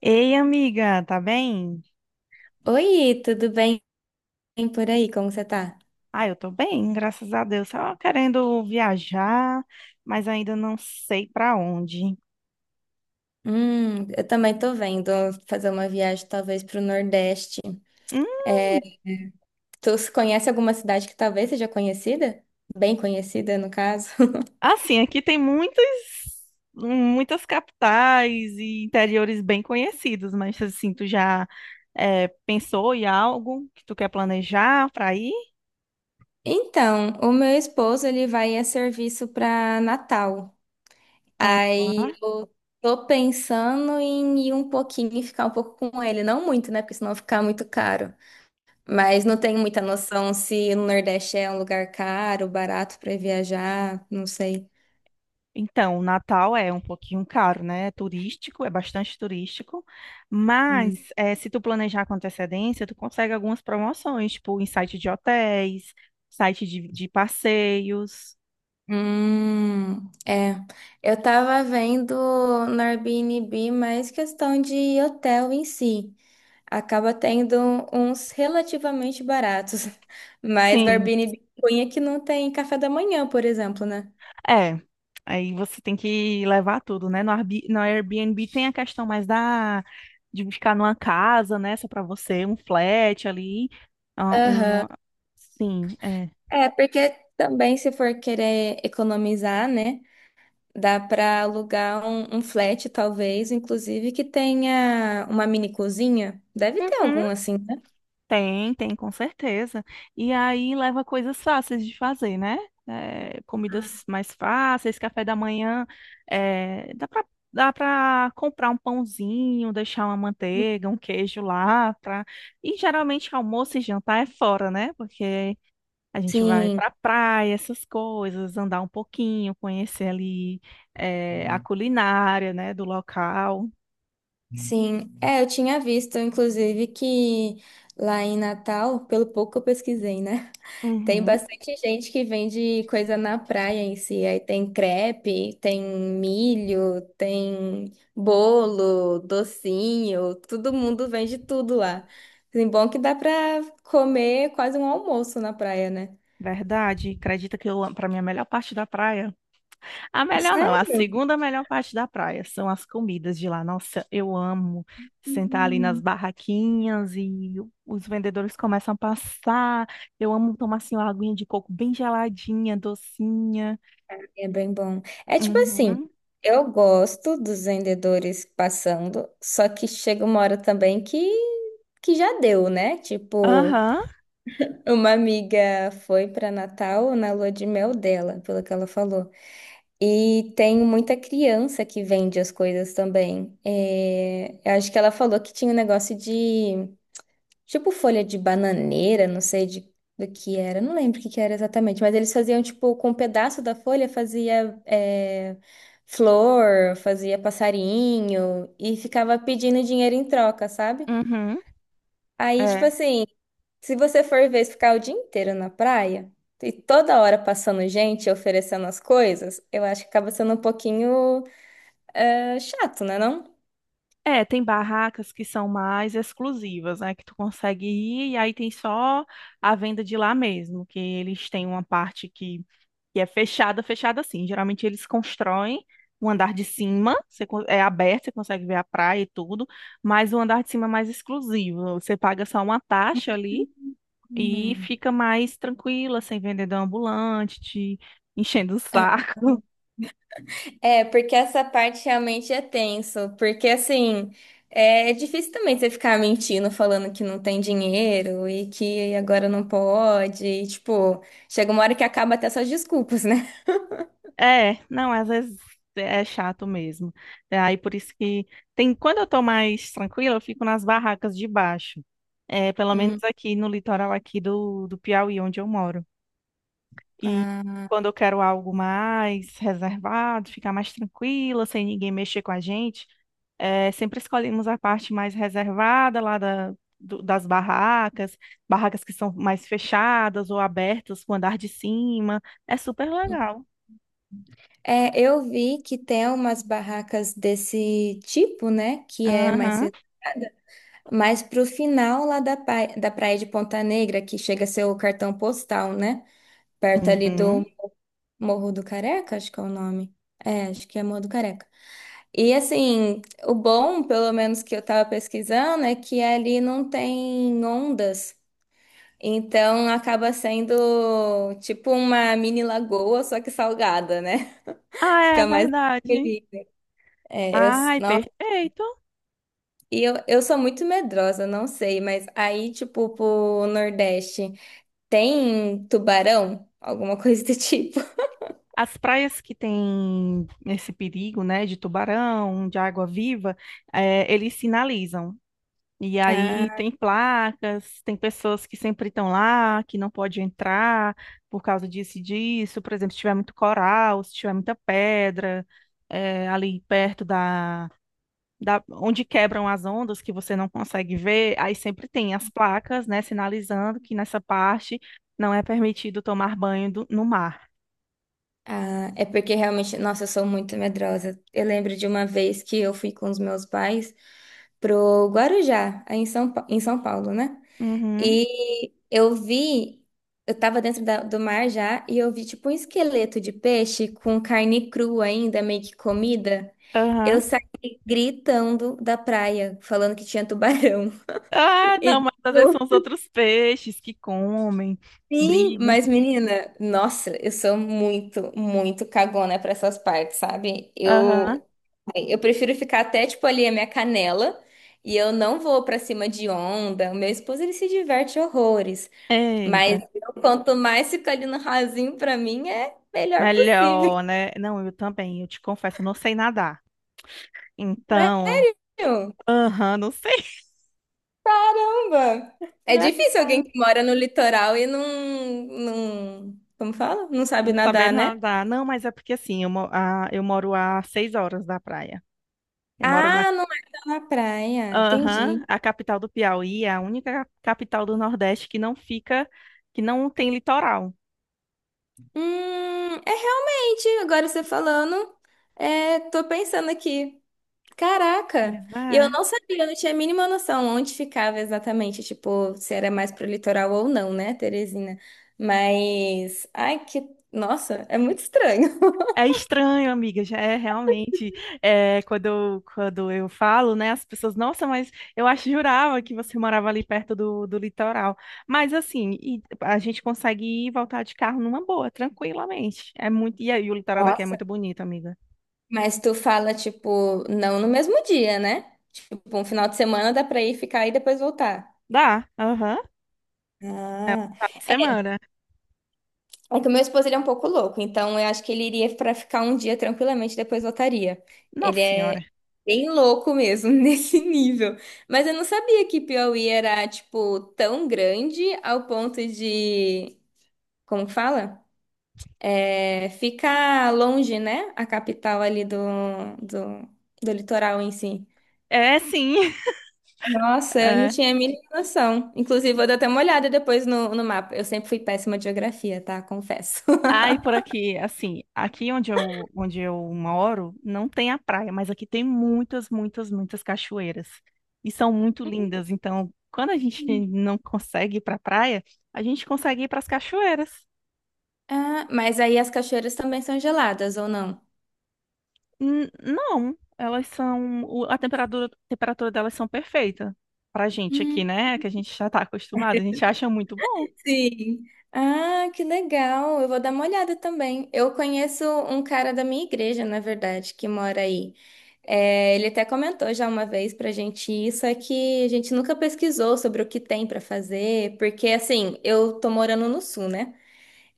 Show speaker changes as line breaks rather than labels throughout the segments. Ei, amiga, tá bem?
Oi, tudo bem por aí? Como você tá?
Ah, eu tô bem, graças a Deus. Só querendo viajar, mas ainda não sei pra onde.
Eu também tô vendo fazer uma viagem talvez pro Nordeste.
Hum,
É, tu se conhece alguma cidade que talvez seja conhecida? Bem conhecida, no caso.
assim, aqui tem muitas capitais e interiores bem conhecidos, mas assim, tu já pensou em algo que tu quer planejar pra ir?
Então, o meu esposo, ele vai a serviço para Natal. Aí
Ah.
eu tô pensando em ir um pouquinho e ficar um pouco com ele. Não muito, né? Porque senão ficar muito caro. Mas não tenho muita noção se no Nordeste é um lugar caro, barato para viajar, não sei.
Então, o Natal é um pouquinho caro, né? É turístico, é bastante turístico,
Hum,
mas se tu planejar com antecedência, tu consegue algumas promoções, tipo em site de hotéis, site de passeios.
Hum, é. Eu tava vendo no Airbnb mais questão de hotel em si. Acaba tendo uns relativamente baratos. Mas no
Sim,
Airbnb cunha que não tem café da manhã, por exemplo, né?
é. Aí você tem que levar tudo, né? No Airbnb tem a questão mais da de ficar numa casa, né? Só para você, um flat ali, ah,
Aham.
uma, sim, é.
É, porque também se for querer economizar, né? Dá pra alugar um flat, talvez, inclusive, que tenha uma mini cozinha. Deve ter
Uhum.
algum assim, né?
Tem, tem, com certeza. E aí leva coisas fáceis de fazer, né? É, comidas mais fáceis, café da manhã, é, dá para comprar um pãozinho, deixar uma manteiga, um queijo lá, pra... E geralmente almoço e jantar é fora, né? Porque a gente vai
Sim.
para praia, essas coisas, andar um pouquinho, conhecer ali é, a culinária, né, do local.
Sim, é, eu tinha visto, inclusive, que lá em Natal, pelo pouco que eu pesquisei, né? Tem
Uhum,
bastante gente que vende coisa na praia em si. Aí tem crepe, tem milho, tem bolo, docinho, todo mundo vende tudo lá. Assim, bom que dá pra comer quase um almoço na praia, né?
verdade. Acredita que eu para mim a melhor parte da praia. A melhor não, a
Sério?
segunda melhor parte da praia são as comidas de lá. Nossa, eu amo sentar ali nas barraquinhas e os vendedores começam a passar. Eu amo tomar assim uma aguinha de coco bem geladinha, docinha.
É bem bom. É tipo assim,
Uhum.
eu gosto dos vendedores passando, só que chega uma hora também que já deu, né? Tipo,
Aham.
uma amiga foi para Natal na lua de mel dela, pelo que ela falou. E tem muita criança que vende as coisas também. É, eu acho que ela falou que tinha um negócio de tipo folha de bananeira, não sei de, do que era, não lembro o que que era exatamente, mas eles faziam, tipo, com um pedaço da folha fazia é, flor, fazia passarinho e ficava pedindo dinheiro em troca, sabe?
Uhum.
Aí, tipo
É.
assim, se você for ver ficar o dia inteiro na praia e toda hora passando gente oferecendo as coisas, eu acho que acaba sendo um pouquinho é, chato, né, não?
É, tem barracas que são mais exclusivas, né? Que tu consegue ir e aí tem só a venda de lá mesmo, que eles têm uma parte que é fechada, fechada assim. Geralmente eles constroem o andar de cima, você é aberto, você consegue ver a praia e tudo, mas o andar de cima é mais exclusivo. Você paga só uma taxa ali e
Hum,
fica mais tranquila, sem vendedor ambulante, te enchendo o
é.
saco.
É, porque essa parte realmente é tenso, porque assim, é difícil também você ficar mentindo, falando que não tem dinheiro e que agora não pode, e, tipo, chega uma hora que acaba até suas desculpas, né?
É, não, às vezes é chato mesmo. É, aí por isso que tem, quando eu tô mais tranquila, eu fico nas barracas de baixo. É, pelo
Hum,
menos aqui no litoral aqui do Piauí, onde eu moro. E
ah,
quando eu quero algo mais reservado, ficar mais tranquila, sem ninguém mexer com a gente, sempre escolhemos a parte mais reservada lá das barracas, barracas que são mais fechadas ou abertas com o andar de cima. É super legal.
é, eu vi que tem umas barracas desse tipo, né, que é mais
Aham.
reservada, mas pro final lá da, pai- da Praia de Ponta Negra, que chega a ser o cartão postal, né, perto ali do
Uhum.
Morro do Careca, acho que é o nome. É, acho que é Morro do Careca. E assim, o bom, pelo menos que eu tava pesquisando, é que ali não tem ondas. Então acaba sendo tipo uma mini lagoa, só que salgada, né?
Ah, é
Fica mais
verdade.
feliz. É, eu,
Ai,
nossa,
perfeito.
e eu sou muito medrosa, não sei, mas aí, tipo, pro Nordeste, tem tubarão? Alguma coisa do tipo.
As praias que têm esse perigo, né, de tubarão, de água-viva, eles sinalizam. E aí
Ah,
tem placas, tem pessoas que sempre estão lá, que não pode entrar por causa disso e disso. Por exemplo, se tiver muito coral, se tiver muita pedra, ali perto da, da onde quebram as ondas que você não consegue ver, aí sempre tem as placas, né, sinalizando que nessa parte não é permitido tomar banho no mar.
ah, é porque realmente, nossa, eu sou muito medrosa. Eu lembro de uma vez que eu fui com os meus pais pro Guarujá, aí em São, Pa- em São Paulo, né?
Uhum,
E eu vi, eu tava dentro da- do mar já, e eu vi tipo um esqueleto de peixe com carne crua ainda, meio que comida. Eu
aham.
saí gritando da praia, falando que tinha tubarão.
Ah, não,
E
mas às vezes são
no
os outros peixes que comem,
fim,
brigam.
mas menina, nossa, eu sou muito, muito cagona para essas partes, sabe?
Aham.
Eu assim, eu prefiro ficar até, tipo, ali a minha canela. E eu não vou pra cima de onda. O meu esposo, ele se diverte horrores.
Eita.
Mas eu, quanto mais fica ali no rasinho, pra mim, é melhor possível.
Melhor, né? Não, eu também, eu te confesso, eu não sei nadar.
Né?
Então,
Meu?
aham, não sei.
Caramba! É
Mulher do
difícil alguém
céu,
que mora no litoral e não, não... Como fala? Não sabe
não saber
nadar, né?
nadar. Não, mas é porque assim, eu moro a 6 horas da praia. Eu moro na.
Ah, não é só na praia.
Aham,
Entendi.
a capital do Piauí é a única capital do Nordeste que não fica, que não tem litoral.
É realmente, agora você falando, é, tô pensando aqui. Caraca!
Mas
E eu
é.
não sabia, eu não tinha a mínima noção onde ficava exatamente, tipo, se era mais pro litoral ou não, né, Teresina? Mas, ai, que, nossa, é muito estranho.
É estranho, amiga, já é realmente. É, quando eu falo, né, as pessoas, nossa, mas eu acho jurava que você morava ali perto do litoral. Mas assim, e a gente consegue ir e voltar de carro numa boa, tranquilamente. É muito, e aí o litoral daqui é muito
Nossa.
bonito, amiga.
Mas tu fala, tipo, não no mesmo dia, né? Tipo, um final de semana dá pra ir ficar e depois voltar.
Dá, aham, é um
Ah.
final de semana.
É que o meu esposo ele é um pouco louco, então eu acho que ele iria pra ficar um dia tranquilamente e depois voltaria. Ele
Nossa senhora.
é bem louco mesmo, nesse nível. Mas eu não sabia que Piauí era, tipo, tão grande ao ponto de. Como que fala? É, ficar longe, né? A capital ali do, do, do litoral em si.
É sim.
Nossa, eu não tinha a mínima noção. Inclusive, vou dar até uma olhada depois no mapa. Eu sempre fui péssima de geografia, tá? Confesso.
Ai, por aqui, assim, onde eu moro, não tem a praia, mas aqui tem muitas cachoeiras. E são muito lindas. Então, quando a gente não consegue ir pra praia, a gente consegue ir para as cachoeiras.
Ah, mas aí as cachoeiras também são geladas, ou não?
Não, elas são. Temperatura delas são perfeita. Pra gente aqui,
Hum,
né? Que a gente já tá acostumado, a gente acha muito bom.
sim. Ah, que legal. Eu vou dar uma olhada também. Eu conheço um cara da minha igreja, na verdade, que mora aí. É, ele até comentou já uma vez pra gente isso, é que a gente nunca pesquisou sobre o que tem pra fazer, porque assim, eu tô morando no sul, né?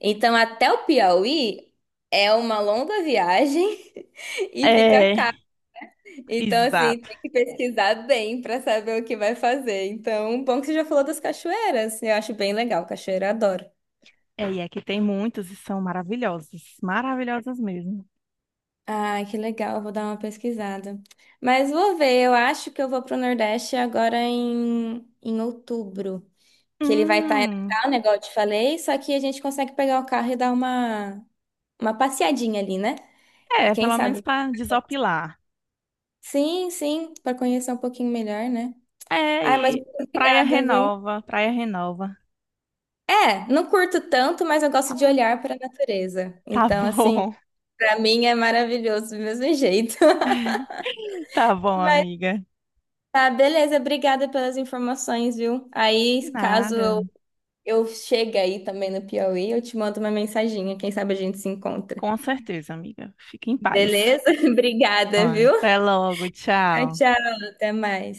Então até o Piauí é uma longa viagem e fica caro.
É,
Então, assim,
exato.
tem que pesquisar bem para saber o que vai fazer. Então, bom que você já falou das cachoeiras. Eu acho bem legal, cachoeira eu adoro.
É, e aqui tem muitas e são maravilhosas. Maravilhosas mesmo.
Ai, que legal, vou dar uma pesquisada. Mas vou ver, eu acho que eu vou pro Nordeste agora em outubro. Que ele vai estar em
Hum.
Natal, né, igual eu te falei, só que a gente consegue pegar o carro e dar uma passeadinha ali, né? E
É,
quem
pelo menos
sabe?
pra desopilar.
Sim, sim, para conhecer um pouquinho melhor, né?
É,
Ai, mas
e
muito
praia
obrigada, viu?
renova, praia renova.
É, não curto tanto, mas eu gosto de
Ah,
olhar para a natureza.
tá
Então, assim,
bom.
para mim é maravilhoso do mesmo jeito.
Tá bom,
Mas
amiga.
tá, beleza, obrigada pelas informações, viu? Aí, caso
Nada.
eu chegue aí também no Piauí, eu te mando uma mensaginha, quem sabe a gente se encontra.
Com certeza, amiga. Fique em paz.
Beleza?
Ó,
Obrigada, viu?
até logo,
Tchau,
tchau.
tchau, até mais.